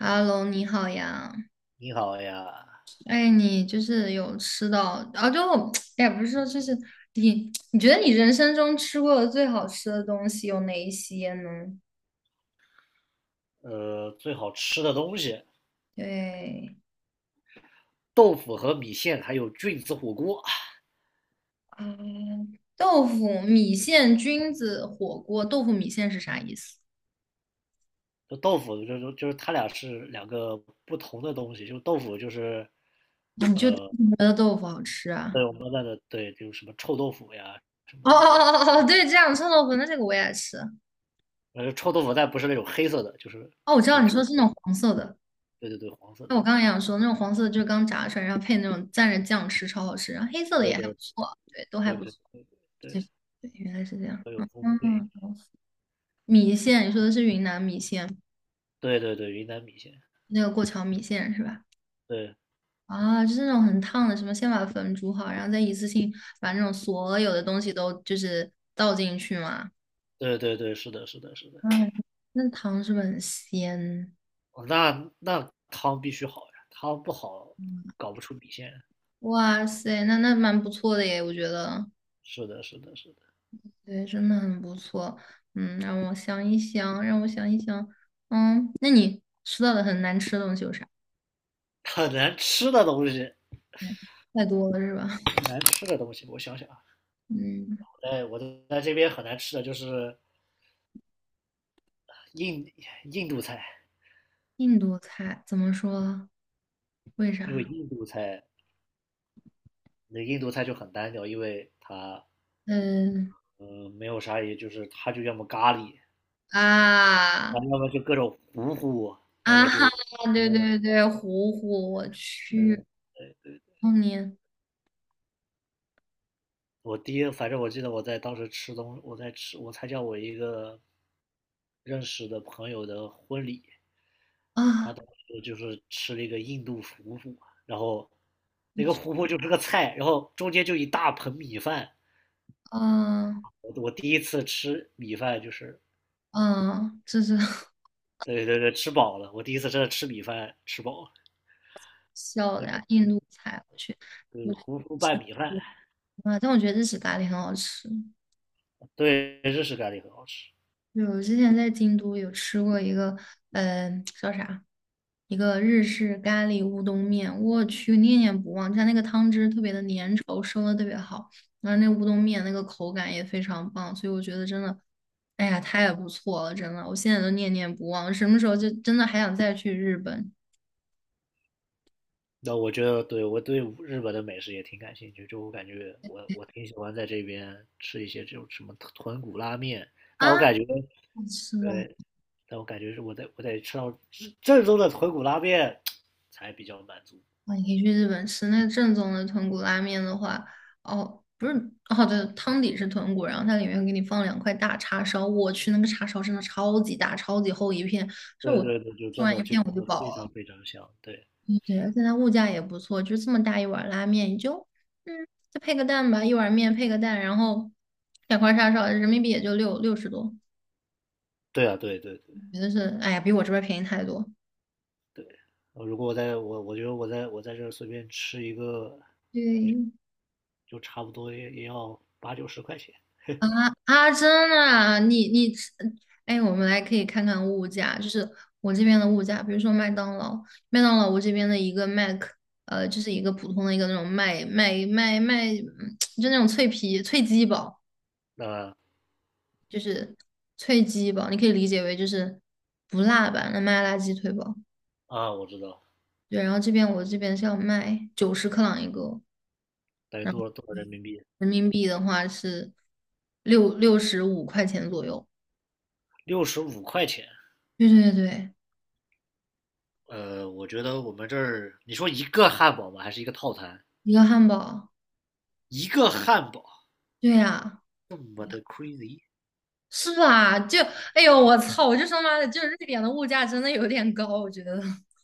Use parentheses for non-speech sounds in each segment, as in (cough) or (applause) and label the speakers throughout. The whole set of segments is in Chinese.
Speaker 1: h e 你好呀。
Speaker 2: 你好呀。
Speaker 1: 哎，你就是有吃到啊？就 (tsk) 哎呀，不是说就是你觉得你人生中吃过的最好吃的东西有哪一些呢？
Speaker 2: 最好吃的东西，
Speaker 1: 对
Speaker 2: 豆腐和米线，还有菌子火锅。
Speaker 1: 啊，豆腐、米线、菌子火锅。豆腐米线是啥意思？
Speaker 2: 就豆腐就是它俩是两个不同的东西。就豆腐就是
Speaker 1: 你就 (laughs) 单
Speaker 2: 呃
Speaker 1: 纯觉得豆腐好吃啊？
Speaker 2: 我们那的。对，就是什么臭豆腐呀什么
Speaker 1: 哦哦
Speaker 2: 的。
Speaker 1: 哦哦哦，对，这样臭豆腐，那这个我也爱吃。
Speaker 2: 臭豆腐但不是那种黑色的，就是
Speaker 1: 哦，我知
Speaker 2: 就
Speaker 1: 道
Speaker 2: 是
Speaker 1: 你说
Speaker 2: 黑，
Speaker 1: 是那种黄色的，
Speaker 2: 对对对，黄色的。
Speaker 1: 那我刚刚也想说那种黄色的就是刚炸出来，然后配那种蘸着酱吃，超好吃。然后黑色的
Speaker 2: 对
Speaker 1: 也还不
Speaker 2: 对
Speaker 1: 错，对，都还
Speaker 2: 对
Speaker 1: 不
Speaker 2: 对
Speaker 1: 错。对，
Speaker 2: 对，
Speaker 1: 原来是这样，
Speaker 2: 都有
Speaker 1: 嗯
Speaker 2: 风味。
Speaker 1: 嗯，懂米线，你说的是云南米线，
Speaker 2: 对对对，云南米线。
Speaker 1: 那个过桥米线是吧？
Speaker 2: 对
Speaker 1: 啊，就是那种很烫的，什么先把粉煮好，然后再一次性把那种所有的东西都就是倒进去嘛。
Speaker 2: 对对对，是的是的是的。
Speaker 1: 嗯，那汤是不是很鲜？
Speaker 2: 哦，那那汤必须好呀，汤不好搞不出米线。
Speaker 1: 哇塞，那那蛮不错的耶，我觉得，
Speaker 2: 是的，是的，是的。
Speaker 1: 对，真的很不错。嗯，让我想一想，让我想一想。嗯，那你吃到的很难吃的东西有啥？
Speaker 2: 很难吃的东西，
Speaker 1: 太多了是吧？
Speaker 2: 很难吃的东西，我想想啊。
Speaker 1: 嗯。
Speaker 2: 哎，我在这边很难吃的就是印印度菜。
Speaker 1: 印度菜怎么说？为
Speaker 2: 因为
Speaker 1: 啥？
Speaker 2: 印度菜，就很单调，因为它
Speaker 1: 嗯
Speaker 2: 没有啥。也就是它就要么咖喱，啊，
Speaker 1: 啊
Speaker 2: 要
Speaker 1: (laughs)
Speaker 2: 么就各种糊糊，要
Speaker 1: 啊
Speaker 2: 么
Speaker 1: 哈！
Speaker 2: 就
Speaker 1: 对对对，糊糊，我去，后年，
Speaker 2: 我第一，反正我记得我在当时吃东，我在吃，我参加我一个认识的朋友的婚礼。他
Speaker 1: 啊
Speaker 2: 当时就是吃了一个印度糊糊，然后那个糊糊就是个菜，然后中间就一大盆米饭。
Speaker 1: 啊
Speaker 2: 我第一次吃米饭就是，
Speaker 1: 啊！这是 (laughs)
Speaker 2: 对对对，吃饱了。我第一次真的吃米饭吃饱了。
Speaker 1: 笑的呀，印度菜，我去，
Speaker 2: 对，
Speaker 1: 我去
Speaker 2: 糊糊
Speaker 1: 吃
Speaker 2: 拌米饭。
Speaker 1: 啊！但我觉得日式咖喱很好吃。
Speaker 2: 对，日式咖喱很好吃。
Speaker 1: 对，我之前在京都有吃过一个，嗯，叫啥？一个日式咖喱乌冬面，我去，念念不忘。它那个汤汁特别的粘稠，收的特别好，然后那乌冬面那个口感也非常棒，所以我觉得真的，哎呀，太不错了，真的，我现在都念念不忘。什么时候就真的还想再去日本
Speaker 2: 那我觉得对，我对日本的美食也挺感兴趣。就我感觉我挺喜欢在这边吃一些这种什么豚骨拉面，但我
Speaker 1: 啊？
Speaker 2: 感觉
Speaker 1: 是的，
Speaker 2: 对，是我得吃到正宗的豚骨拉面才比较满足。
Speaker 1: 哇，你可以去日本吃那正宗的豚骨拉面的话，哦，不是，哦，对，汤底是豚骨，然后它里面会给你放两块大叉烧。我去，那个叉烧真的超级大，超级厚一片，就
Speaker 2: 对
Speaker 1: 我
Speaker 2: 对对，就
Speaker 1: 吃
Speaker 2: 真
Speaker 1: 完
Speaker 2: 的
Speaker 1: 一
Speaker 2: 就
Speaker 1: 片我
Speaker 2: 真
Speaker 1: 就
Speaker 2: 的
Speaker 1: 饱
Speaker 2: 非常
Speaker 1: 了。
Speaker 2: 非常香。对。
Speaker 1: 对对，而且它物价也不错，就这么大一碗拉面，你就嗯，再配个蛋吧，一碗面配个蛋，然后两块叉烧，人民币也就六十多，
Speaker 2: 对啊，对对对
Speaker 1: 觉得是，哎呀，比我这边便宜太多。
Speaker 2: 对。如果我觉得我在这儿随便吃一个，
Speaker 1: 对，
Speaker 2: 就差不多也要八九十块钱。
Speaker 1: 啊啊，真的啊，你，哎，我们来可以看看物价，就是我这边的物价，比如说麦当劳，麦当劳我这边的一个 Mac，就是一个普通的一个那种麦，嗯就那种脆鸡堡，就是脆鸡堡，你可以理解为就是不辣版的麦辣鸡腿堡。
Speaker 2: 啊，我知道。
Speaker 1: 对，然后这边我这边是要卖90克朗一个，
Speaker 2: 等于
Speaker 1: 然后
Speaker 2: 多少人民币？
Speaker 1: 人民币的话是六十五块钱左右。
Speaker 2: 六十五块钱。
Speaker 1: 对对对，
Speaker 2: 呃，我觉得我们这儿，你说一个汉堡吧，还是一个套餐？
Speaker 1: 一个汉堡。
Speaker 2: 一个汉堡。
Speaker 1: 对呀，
Speaker 2: 我的 crazy!
Speaker 1: 是吧？就，哎呦，我操！我就说妈的，就是瑞典的物价真的有点高，我觉得。(laughs)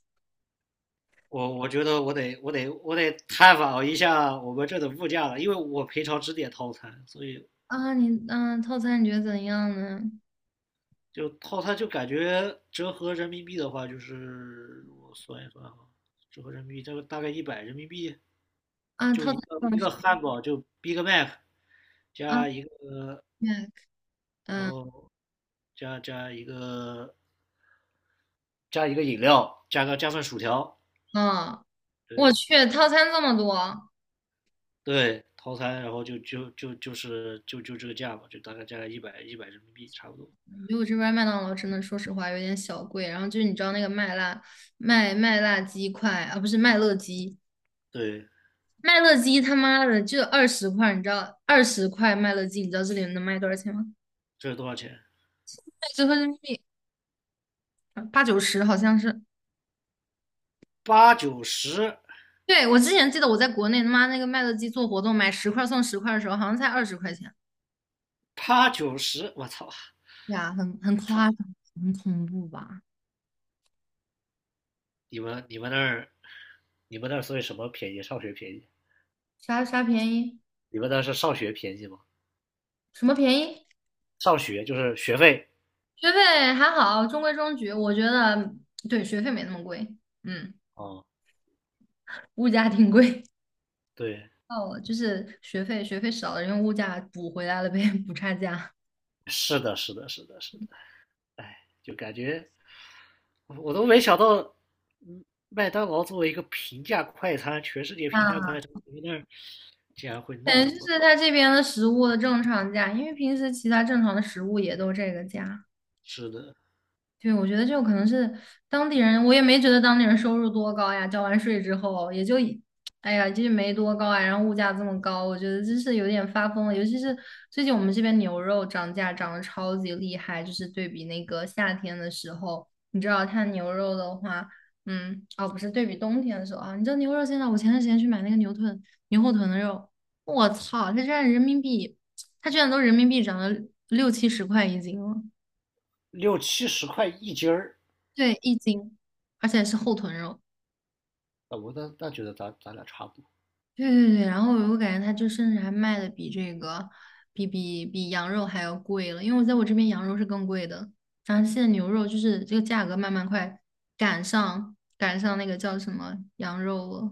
Speaker 2: 我觉得我得探访一下我们这的物价了，因为我平常只点套餐。所以
Speaker 1: 啊，你嗯，套餐你觉得怎样呢？
Speaker 2: 就套餐就感觉折合人民币的话，就是我算一算啊。折合人民币，这个大概一百人民币。
Speaker 1: 啊，
Speaker 2: 就
Speaker 1: 套
Speaker 2: 一
Speaker 1: 餐
Speaker 2: 个
Speaker 1: 多少
Speaker 2: 一
Speaker 1: 是
Speaker 2: 个汉堡就 Big Mac
Speaker 1: 啊
Speaker 2: 加一个，
Speaker 1: m
Speaker 2: 然
Speaker 1: 嗯
Speaker 2: 后加加一个加一个饮料，加份薯条。
Speaker 1: 啊，我
Speaker 2: 对，
Speaker 1: 去，套餐这么多，
Speaker 2: 对，套餐，然后就这个价吧，就大概价一百一百人民币差不多。
Speaker 1: 我觉得我这边麦当劳真的，说实话有点小贵。然后就是你知道那个麦辣鸡块啊，不是麦乐鸡，
Speaker 2: 对，
Speaker 1: 麦乐鸡他妈的就二十块，你知道二十块麦乐鸡，你知道这里能卖多少钱吗？
Speaker 2: 这是多少钱？
Speaker 1: (laughs) 折合人民币80、90好像是。
Speaker 2: 八九十。
Speaker 1: 对，我之前记得我在国内他妈那个麦乐鸡做活动买10块送10块的时候，好像才20块钱。
Speaker 2: 八九十，我操！
Speaker 1: 对啊，很
Speaker 2: 操！
Speaker 1: 夸张，很恐怖吧？
Speaker 2: 你们那儿，你们那儿所以什么便宜？上学便宜？
Speaker 1: 啥便宜？
Speaker 2: 你们那是上学便宜吗？
Speaker 1: 什么便宜？
Speaker 2: 上学就是学费。
Speaker 1: 学费还好，中规中矩。我觉得对学费没那么贵，嗯，
Speaker 2: 哦，嗯。
Speaker 1: 物价挺贵。
Speaker 2: 对，
Speaker 1: 哦，就是学费，学费少了，用物价补回来了呗，补差价。
Speaker 2: 是的，是的，是的，是的。哎，就感觉我都没想到。嗯，麦当劳作为一个平价快餐，全世界平价
Speaker 1: 啊，
Speaker 2: 快餐，你们那儿还会那
Speaker 1: 感觉就
Speaker 2: 么
Speaker 1: 是它这边的食物的正常价，因为平时其他正常的食物也都这个价。
Speaker 2: 吃的。
Speaker 1: 对，我觉得就可能是当地人，我也没觉得当地人收入多高呀，交完税之后也就一，哎呀，就是没多高啊，然后物价这么高，我觉得真是有点发疯了。尤其是最近我们这边牛肉涨价涨得超级厉害，就是对比那个夏天的时候，你知道它牛肉的话，嗯，哦，不是对比冬天的时候啊，你知道牛肉现在，我前段时间去买那个牛臀、牛后臀的肉，我操，它居然人民币，它居然都人民币涨了60、70块一斤了。
Speaker 2: 六七十块一斤儿？
Speaker 1: 对，一斤，而且是后臀肉。
Speaker 2: 啊，我那那觉得咱咱俩差不多。
Speaker 1: 对对对，然后我感觉它就甚至还卖的比这个，比羊肉还要贵了，因为我在我这边羊肉是更贵的，然后现在牛肉就是这个价格慢慢快赶上那个叫什么羊肉了。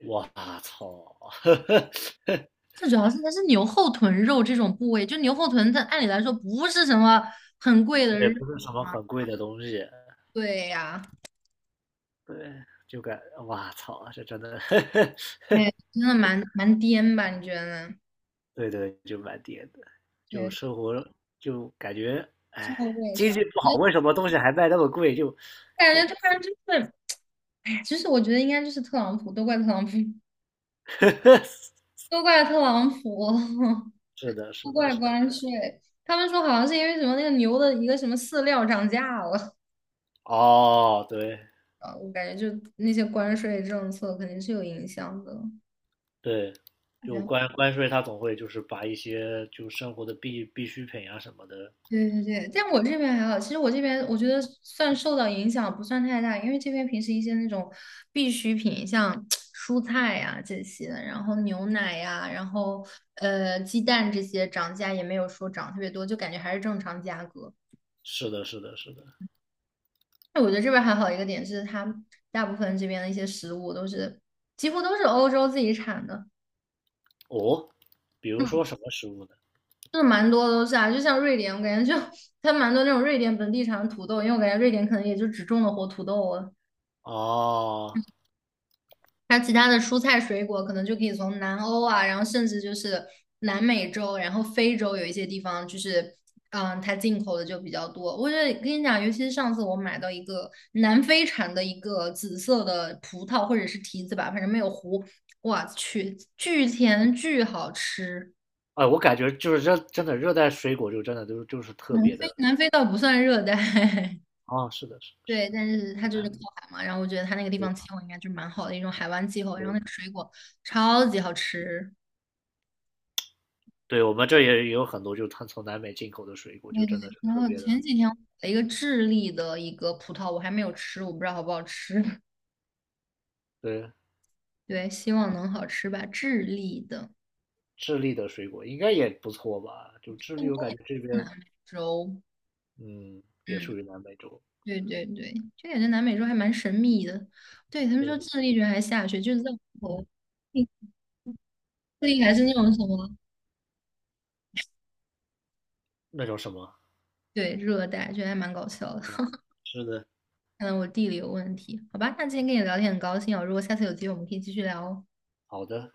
Speaker 2: 我操！(laughs)
Speaker 1: 最主要是它是牛后臀肉这种部位，就牛后臀，它按理来说不是什么很贵的
Speaker 2: 那也
Speaker 1: 肉。
Speaker 2: 不是什么很贵的东西。
Speaker 1: 对呀、
Speaker 2: 对，就感哇操，这真的。(laughs) 呵
Speaker 1: 哎，
Speaker 2: 呵。
Speaker 1: 真的蛮颠吧？你觉得呢
Speaker 2: 对对，就蛮跌的。就
Speaker 1: 对，
Speaker 2: 生活，就感觉
Speaker 1: 之
Speaker 2: 哎，
Speaker 1: 后我
Speaker 2: 经
Speaker 1: 啥？
Speaker 2: 济不好，
Speaker 1: 我
Speaker 2: 为什么东西还卖那么贵？就
Speaker 1: 感
Speaker 2: 就
Speaker 1: 觉突然
Speaker 2: 肥，
Speaker 1: 就是哎，其实我觉得应该就是特朗普，都怪特朗普，(laughs)
Speaker 2: (laughs)
Speaker 1: 都怪特朗普，
Speaker 2: 是的，
Speaker 1: (laughs)
Speaker 2: 是
Speaker 1: 都
Speaker 2: 的，
Speaker 1: 怪
Speaker 2: 是
Speaker 1: 关
Speaker 2: 的。
Speaker 1: 税。他们说好像是因为什么那个牛的一个什么饲料涨价了，
Speaker 2: 哦，对。
Speaker 1: (laughs) 啊，我感觉就那些关税政策肯定是有影响的。
Speaker 2: 对，关税，他总会就是把一些就生活的必需品啊什么的。
Speaker 1: 对对对，但我这边还好。其实我这边我觉得算受到影响不算太大，因为这边平时一些那种必需品，像 (tsk) 蔬菜呀、这些，然后牛奶呀、然后鸡蛋这些涨价也没有说涨特别多，就感觉还是正常价格。
Speaker 2: 是的，是的，是的。
Speaker 1: 那我觉得这边还好一个点是，它大部分这边的一些食物都是几乎都是欧洲自己产的。
Speaker 2: 哦，比如
Speaker 1: 嗯，
Speaker 2: 说什么食物呢？
Speaker 1: 就是蛮多都是啊，就像瑞典，我感觉就 (laughs) 它蛮多那种瑞典本地产的土豆，因为我感觉瑞典可能也就只种的活土豆，
Speaker 2: 哦，
Speaker 1: 它其他的蔬菜水果，可能就可以从南欧啊，然后甚至就是南美洲，然后非洲有一些地方就是，嗯，它进口的就比较多。我觉得跟你讲，尤其是上次我买到一个南非产的一个紫色的葡萄或者是提子吧，反正没有核，我去，巨甜巨好吃。
Speaker 2: 哎，我感觉就是热，真的热带水果就真的就是特
Speaker 1: 南
Speaker 2: 别
Speaker 1: 非
Speaker 2: 的。
Speaker 1: 南非倒不算热带。(laughs)
Speaker 2: 啊、是的，是的是
Speaker 1: 对，但是它
Speaker 2: 的，
Speaker 1: 就是
Speaker 2: 南
Speaker 1: 靠
Speaker 2: 美。
Speaker 1: 海嘛，然后我觉得它那个地
Speaker 2: 对，
Speaker 1: 方气候应该就蛮好的一种海湾气候，然后那个水果超级好吃。
Speaker 2: 对，我们这也也有很多，就是它从南美进口的水果，就
Speaker 1: 对对，
Speaker 2: 真的是
Speaker 1: 然
Speaker 2: 特
Speaker 1: 后
Speaker 2: 别的。
Speaker 1: 前几天我买了一个智利的一个葡萄，我还没有吃，我不知道好不好吃。(laughs)
Speaker 2: 对，
Speaker 1: 对，希望能好吃吧。智利的
Speaker 2: 智利的水果应该也不错吧？就
Speaker 1: (laughs)，
Speaker 2: 智利，
Speaker 1: 应该
Speaker 2: 我感
Speaker 1: 是
Speaker 2: 觉这边
Speaker 1: 南美洲。
Speaker 2: 嗯也
Speaker 1: 嗯，
Speaker 2: 属于南美洲。
Speaker 1: 对对对，就感觉南美洲还蛮神秘的。对，他们说
Speaker 2: 对，
Speaker 1: 智利居然还下雪，就是在我们智利还是那种什么，
Speaker 2: 那种什么？
Speaker 1: 对，热带，觉得还蛮搞笑的。(laughs)
Speaker 2: 是的。
Speaker 1: 看来我地理有问题。好吧，那今天跟你聊天很高兴哦，如果下次有机会我们可以继续聊哦。
Speaker 2: 好的。